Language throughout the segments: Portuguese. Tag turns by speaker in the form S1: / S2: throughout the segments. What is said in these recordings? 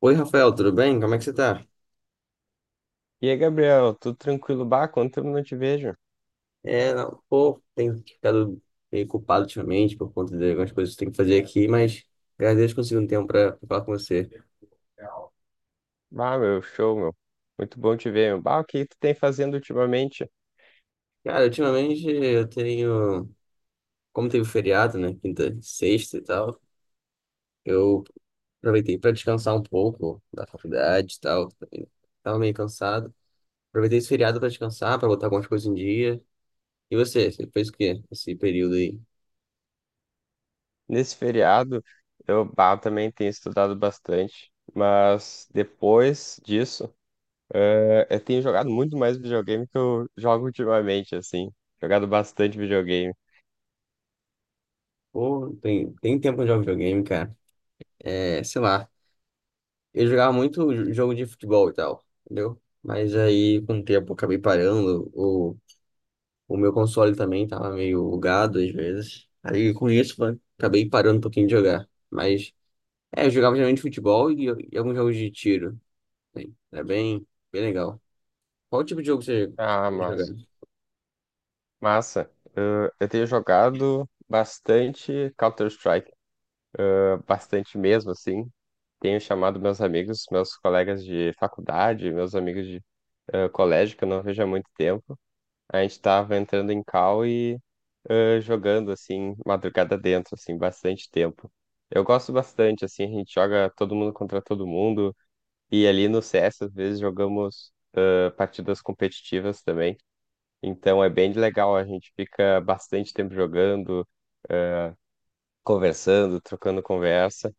S1: Oi, Rafael, tudo bem? Como é que você tá?
S2: E aí, Gabriel, tudo tranquilo? Bah, quanto tempo não te vejo?
S1: Não, pô, tenho ficado meio culpado ultimamente por conta de algumas coisas que eu tenho que fazer aqui, mas graças a Deus consegui um tempo pra falar com você.
S2: Bah, meu, show, meu. Muito bom te ver, meu. Bah, o que tu tem fazendo ultimamente
S1: Cara, ultimamente eu tenho, como teve feriado, né, quinta, sexta e tal, eu aproveitei pra descansar um pouco da faculdade e tal, também tava meio cansado. Aproveitei esse feriado pra descansar, pra botar algumas coisas em dia. E você, você fez o quê nesse período aí?
S2: nesse feriado? Eu, bah, também tenho estudado bastante, mas depois disso, eu tenho jogado muito mais videogame que eu jogo ultimamente, assim. Jogado bastante videogame.
S1: Pô, tem tempo de jogar videogame, cara. É, sei lá. Eu jogava muito jogo de futebol e tal, entendeu? Mas aí, com o tempo, eu acabei parando. O meu console também tava meio bugado às vezes. Aí, com isso, acabei parando um pouquinho de jogar. Mas, é, eu jogava geralmente futebol e alguns jogos de tiro assim. Era bem, bem legal. Qual tipo de jogo você
S2: Ah,
S1: jogava?
S2: massa. Eu tenho jogado bastante Counter-Strike, bastante mesmo, assim. Tenho chamado meus amigos, meus colegas de faculdade, meus amigos de colégio, que eu não vejo há muito tempo. A gente tava entrando em call e jogando, assim, madrugada dentro, assim, bastante tempo. Eu gosto bastante, assim, a gente joga todo mundo contra todo mundo. E ali no CS, às vezes, jogamos partidas competitivas também. Então é bem legal, a gente fica bastante tempo jogando, conversando, trocando conversa.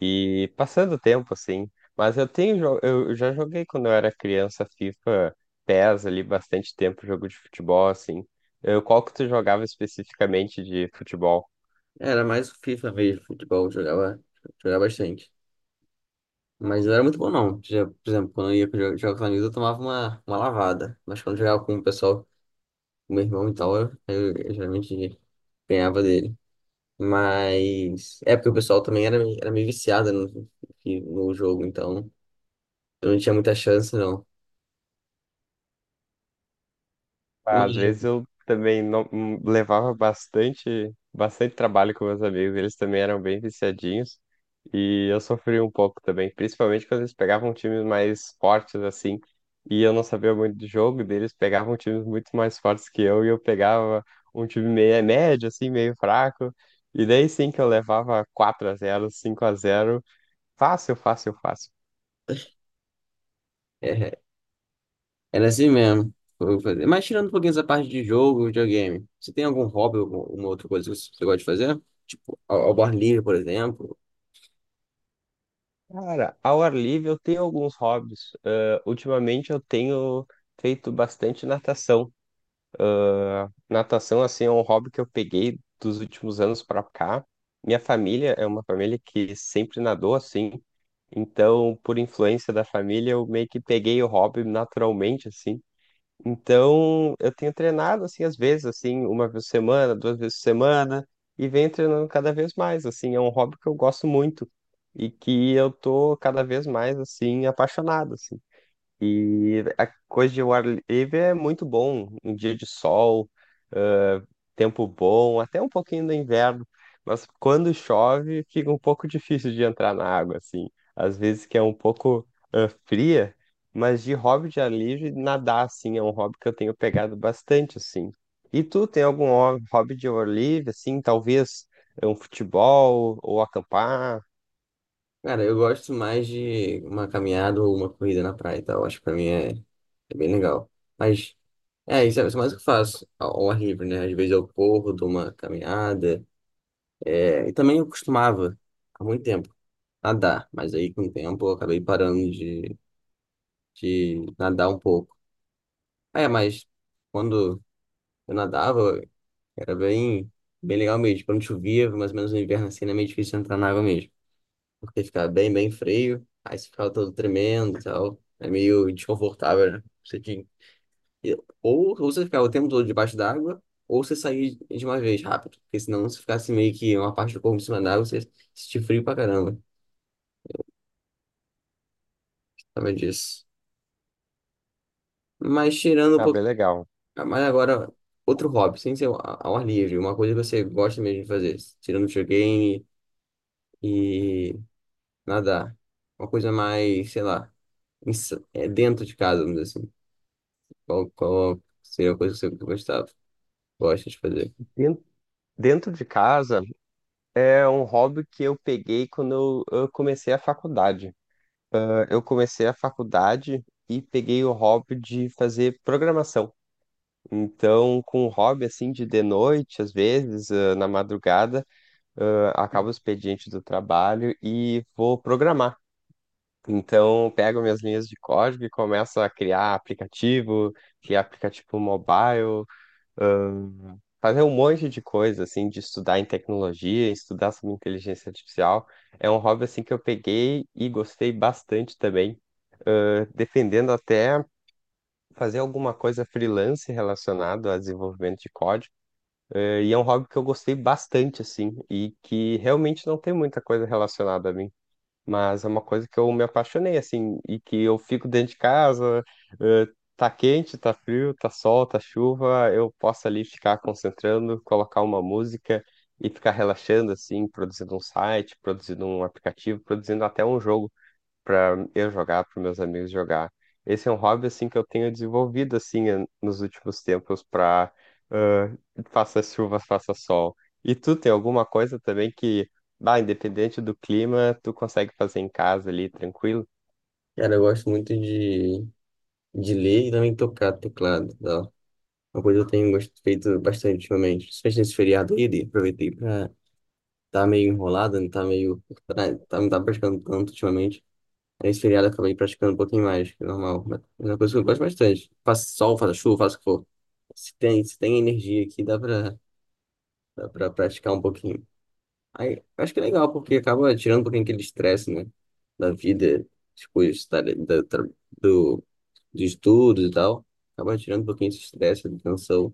S2: E passando o tempo, assim. Mas eu já joguei quando eu era criança FIFA, PES ali, bastante tempo, jogo de futebol, assim. Qual que tu jogava especificamente de futebol?
S1: Era mais FIFA mesmo, futebol. Eu jogava, jogava bastante. Mas não era muito bom, não. Já, por exemplo, quando eu ia jogar com os amigos, eu tomava uma lavada. Mas quando eu jogava com o pessoal, o meu irmão e tal, eu geralmente ganhava dele. Mas é porque o pessoal também era, era meio viciado no jogo, então eu não tinha muita chance, não.
S2: Ah,
S1: Mas
S2: às vezes eu também não levava bastante, bastante trabalho com meus amigos, eles também eram bem viciadinhos e eu sofria um pouco também, principalmente quando eles pegavam times mais fortes assim, e eu não sabia muito de jogo deles, pegavam times muito mais fortes que eu e eu pegava um time meio médio assim, meio fraco, e daí sim que eu levava 4-0 5-0 fácil, fácil, fácil.
S1: é, era assim mesmo. Mas tirando um pouquinho essa parte de jogo, videogame, você tem algum hobby, ou alguma outra coisa que você gosta de fazer? Tipo, ao ar livre, por exemplo.
S2: Cara, ao ar livre eu tenho alguns hobbies. Ah, ultimamente eu tenho feito bastante natação. Natação, assim, é um hobby que eu peguei dos últimos anos pra cá. Minha família é uma família que sempre nadou assim. Então, por influência da família, eu meio que peguei o hobby naturalmente, assim. Então, eu tenho treinado assim às vezes, assim, uma vez por semana, duas vezes por semana, e venho treinando cada vez mais, assim, é um hobby que eu gosto muito e que eu tô cada vez mais assim apaixonado, assim. E a coisa de o ar livre é muito bom, um dia de sol, ah, tempo bom, até um pouquinho do inverno, mas quando chove fica um pouco difícil de entrar na água, assim. Às vezes que é um pouco fria, mas de hobby de ar livre, nadar, assim, é um hobby que eu tenho pegado bastante, assim. E tu tem algum hobby de ar livre, assim, talvez é um futebol ou acampar?
S1: Cara, eu gosto mais de uma caminhada ou uma corrida na praia e tal. Acho que pra mim é, é bem legal. Mas é, isso é mais o que eu faço ao ar livre, né? Às vezes eu corro, dou uma caminhada. É, e também eu costumava, há muito tempo, nadar. Mas aí, com o tempo, eu acabei de nadar um pouco. Ah, é, mas quando eu nadava, era bem, bem legal mesmo. Tipo, quando chovia, mais ou menos no inverno, assim, era meio difícil entrar na água mesmo. Porque ficava bem, bem frio. Aí você ficava todo tremendo e tal. É meio desconfortável, né? E- ou você ficar o tempo todo debaixo d'água, ou você sair de uma vez rápido. Porque senão, se ficasse meio que uma parte do corpo em cima d'água, você sentir frio pra caramba. Sabe disso. Mas tirando um
S2: Ah, bem
S1: pouco.
S2: legal.
S1: Mas agora, outro hobby, sem ser ao ar livre, uma coisa que você gosta mesmo de fazer. Tirando videogame e nadar. Uma coisa mais, sei lá, é dentro de casa, vamos dizer assim. Qual, qual seria a coisa que você gostava? Gosta de fazer?
S2: Den- Dentro de casa, é um hobby que eu peguei quando eu comecei a faculdade. Ah, eu comecei a faculdade e peguei o hobby de fazer programação. Então, com o hobby assim de noite, às vezes, na madrugada, acaba o expediente do trabalho e vou programar. Então, pego minhas linhas de código e começo a criar aplicativo mobile, fazer um monte de coisa, assim, de estudar em tecnologia, estudar sobre inteligência artificial. É um hobby, assim, que eu peguei e gostei bastante também, defendendo até fazer alguma coisa freelance relacionado a desenvolvimento de código. E é um hobby que eu gostei bastante, assim, e que realmente não tem muita coisa relacionada a mim. Mas é uma coisa que eu me apaixonei, assim, e que eu fico dentro de casa, eh, tá quente, tá frio, tá sol, tá chuva, eu posso ali ficar concentrando, colocar uma música e ficar relaxando, assim, produzindo um site, produzindo um aplicativo, produzindo até um jogo para eu jogar, para meus amigos jogar. Esse é um hobby assim que eu tenho desenvolvido assim nos últimos tempos para faça chuva, faça sol. E tu tem alguma coisa também que, bah, independente do clima, tu consegue fazer em casa ali tranquilo?
S1: Cara, eu gosto muito de ler e também tocar teclado. Uma coisa que eu tenho feito bastante ultimamente, principalmente nesse feriado aí, aproveitei pra, tá meio enrolado, não tá meio, tá, tá- não tá praticando tanto ultimamente. Aí, nesse feriado eu acabei praticando um pouquinho mais, que é normal. Mas é uma coisa que eu gosto bastante. Faça sol, faça chuva, faça o que for. Se tem energia aqui, dá pra praticar um pouquinho. Aí, eu acho que é legal, porque acaba tirando um pouquinho aquele estresse, né? Da vida, depois dos estudos e tal. Acaba tirando um pouquinho esse estresse, da tensão,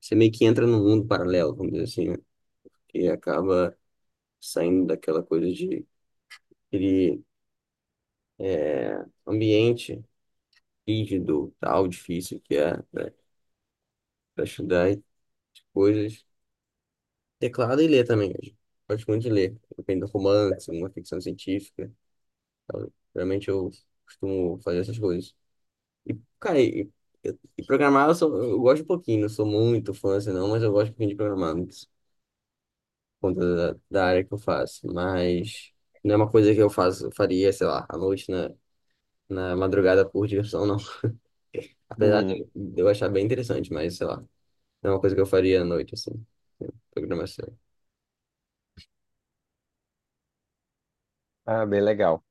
S1: você meio que entra num mundo paralelo, vamos dizer assim, né? E acaba saindo daquela coisa de aquele ambiente rígido, tal, difícil que é para estudar e coisas. Teclado e ler também, eu gosto muito de ler, depende do romance, uma ficção científica, tal. Geralmente eu costumo fazer essas coisas. Cara, e, e programar eu, eu gosto um pouquinho, não sou muito fã assim não, mas eu gosto um pouquinho de programar, por conta da área que eu faço, mas... Não é uma coisa que eu faço, eu faria, sei lá, à noite, né? Na madrugada por diversão, não. Apesar
S2: Hum.
S1: de eu achar bem interessante, mas sei lá, não é uma coisa que eu faria à noite, assim, né, programação.
S2: Ah, bem legal.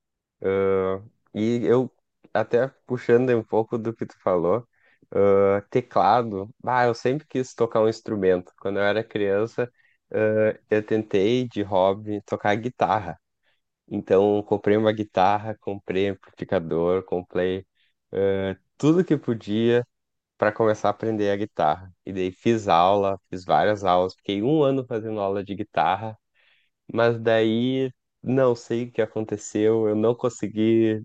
S2: Ah, e eu até puxando um pouco do que tu falou, teclado. Bah, eu sempre quis tocar um instrumento. Quando eu era criança, eu tentei de hobby tocar guitarra. Então, comprei uma guitarra, comprei amplificador, comprei tudo que podia para começar a aprender a guitarra. E daí fiz aula, fiz várias aulas, fiquei um ano fazendo aula de guitarra, mas daí não sei o que aconteceu, eu não consegui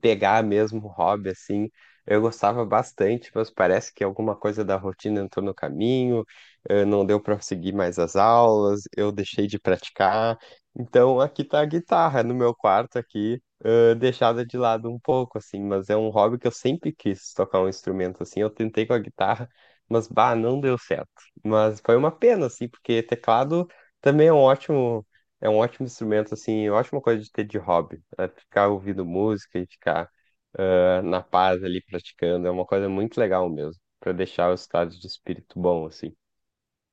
S2: pegar mesmo o hobby assim. Eu gostava bastante, mas parece que alguma coisa da rotina entrou no caminho, não deu para seguir mais as aulas, eu deixei de praticar. Então aqui tá a guitarra no meu quarto aqui, deixada de lado um pouco assim, mas é um hobby que eu sempre quis tocar um instrumento assim. Eu tentei com a guitarra, mas bah, não deu certo. Mas foi uma pena assim, porque teclado também é um ótimo, é um ótimo instrumento, assim, ótima coisa de ter de hobby. É ficar ouvindo música e ficar na paz ali praticando. É uma coisa muito legal mesmo, para deixar o estado de espírito bom, assim.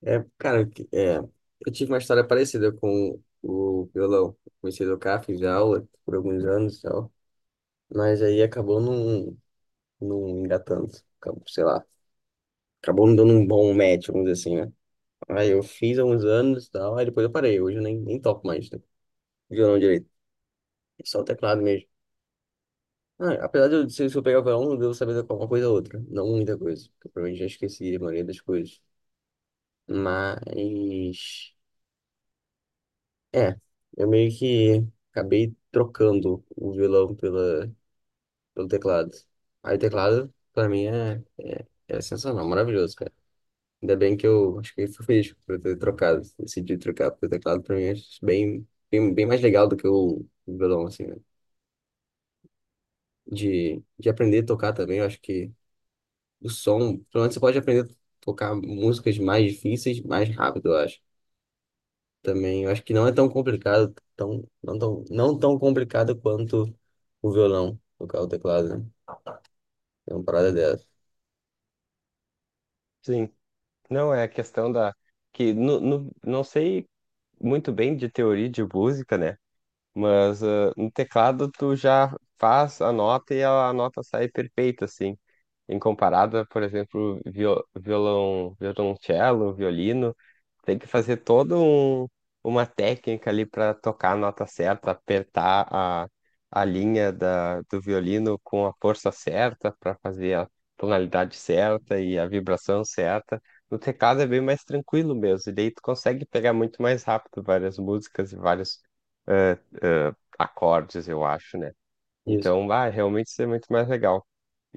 S1: É, cara, é, eu tive uma história parecida com o violão. Comecei a tocar, fiz aula por alguns anos e tal, mas aí acabou não, não engatando, acabou, sei lá, acabou não dando um bom match, vamos dizer assim, né? Aí eu fiz há uns anos e tal, aí depois eu parei, hoje eu nem toco mais, né, violão direito, só o teclado mesmo. Ah, apesar de eu, se eu pegar o violão, eu devo saber de alguma coisa ou outra. Não muita coisa. Porque eu provavelmente já esqueci a maioria das coisas. Mas. É. Eu meio que acabei trocando o violão pelo teclado. Aí o teclado, pra mim, é sensacional, maravilhoso, cara. Ainda bem que eu acho que eu fui feliz por eu ter trocado. Decidi trocar, porque o teclado, pra mim, é bem, bem, bem mais legal do que o violão, assim, né? De aprender a tocar também, eu acho que. O som, pelo menos você pode aprender a tocar músicas mais difíceis mais rápido, eu acho. Também, eu acho que não é tão complicado, não tão complicado quanto o violão, tocar o teclado, né? É uma parada dessa.
S2: Sim, não é a questão da. Que não sei muito bem de teoria de música, né? Mas no teclado tu já faz a nota e a nota sai perfeita, assim, em comparada, por exemplo, violão, violoncelo, violino, tem que fazer toda uma técnica ali para tocar a nota certa, apertar a linha do violino com a força certa para fazer a tonalidade certa e a vibração certa. No teclado é bem mais tranquilo mesmo, e daí tu consegue pegar muito mais rápido várias músicas e vários acordes, eu acho, né?
S1: Isso.
S2: Então, vai, realmente isso é muito mais legal.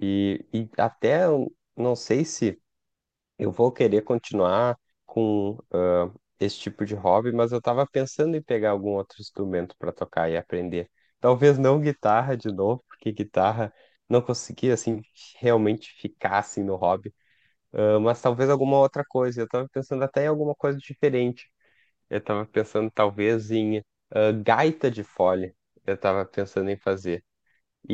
S2: E até eu não sei se eu vou querer continuar com esse tipo de hobby, mas eu estava pensando em pegar algum outro instrumento para tocar e aprender. Talvez não guitarra de novo, porque guitarra não consegui assim realmente ficar assim no hobby. Ah, mas talvez alguma outra coisa. Eu estava pensando até em alguma coisa diferente. Eu estava pensando talvez em gaita de fole. Eu estava pensando em fazer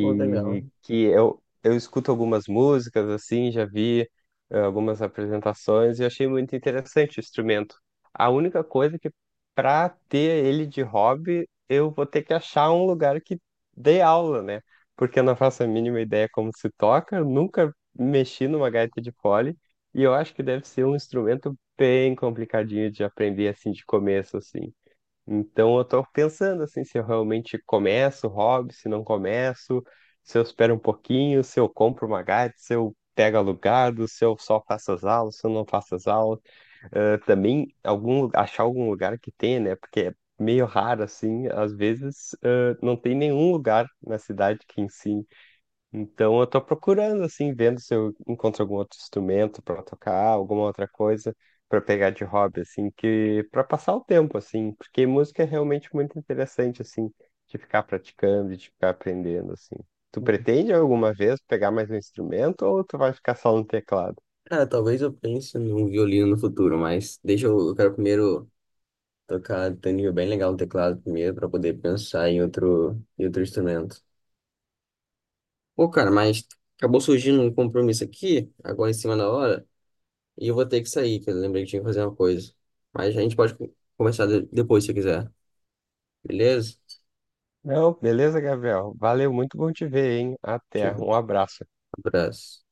S1: Bom, legal.
S2: que eu escuto algumas músicas assim, já vi algumas apresentações e achei muito interessante o instrumento. A única coisa é que para ter ele de hobby, eu vou ter que achar um lugar que dê aula, né? Porque eu não faço a mínima ideia como se toca, eu nunca mexi numa gaita de fole e eu acho que deve ser um instrumento bem complicadinho de aprender assim de começo assim. Então eu tô pensando assim, se eu realmente começo o hobby, se não começo, se eu espero um pouquinho, se eu compro uma Gatti, se eu pego alugado, se eu só faço as aulas, se eu não faço as aulas. Também algum, achar algum lugar que tenha, né? Porque é meio raro assim, às vezes não tem nenhum lugar na cidade que ensine. Então eu tô procurando assim, vendo se eu encontro algum outro instrumento para tocar, alguma outra coisa para pegar de hobby assim, que para passar o tempo assim, porque música é realmente muito interessante assim, de ficar praticando, de ficar aprendendo assim. Tu pretende alguma vez pegar mais um instrumento ou tu vai ficar só no teclado?
S1: Cara, talvez eu pense num violino no futuro, mas deixa eu quero primeiro tocar tem um nível bem legal no teclado primeiro para poder pensar em outro instrumento. Pô, cara, mas acabou surgindo um compromisso aqui, agora em cima da hora. E eu vou ter que sair, que eu lembrei que tinha que fazer uma coisa. Mas a gente pode conversar depois se quiser. Beleza?
S2: Não, beleza, Gabriel. Valeu, muito bom te ver, hein? Até,
S1: Um
S2: um abraço.
S1: abraço.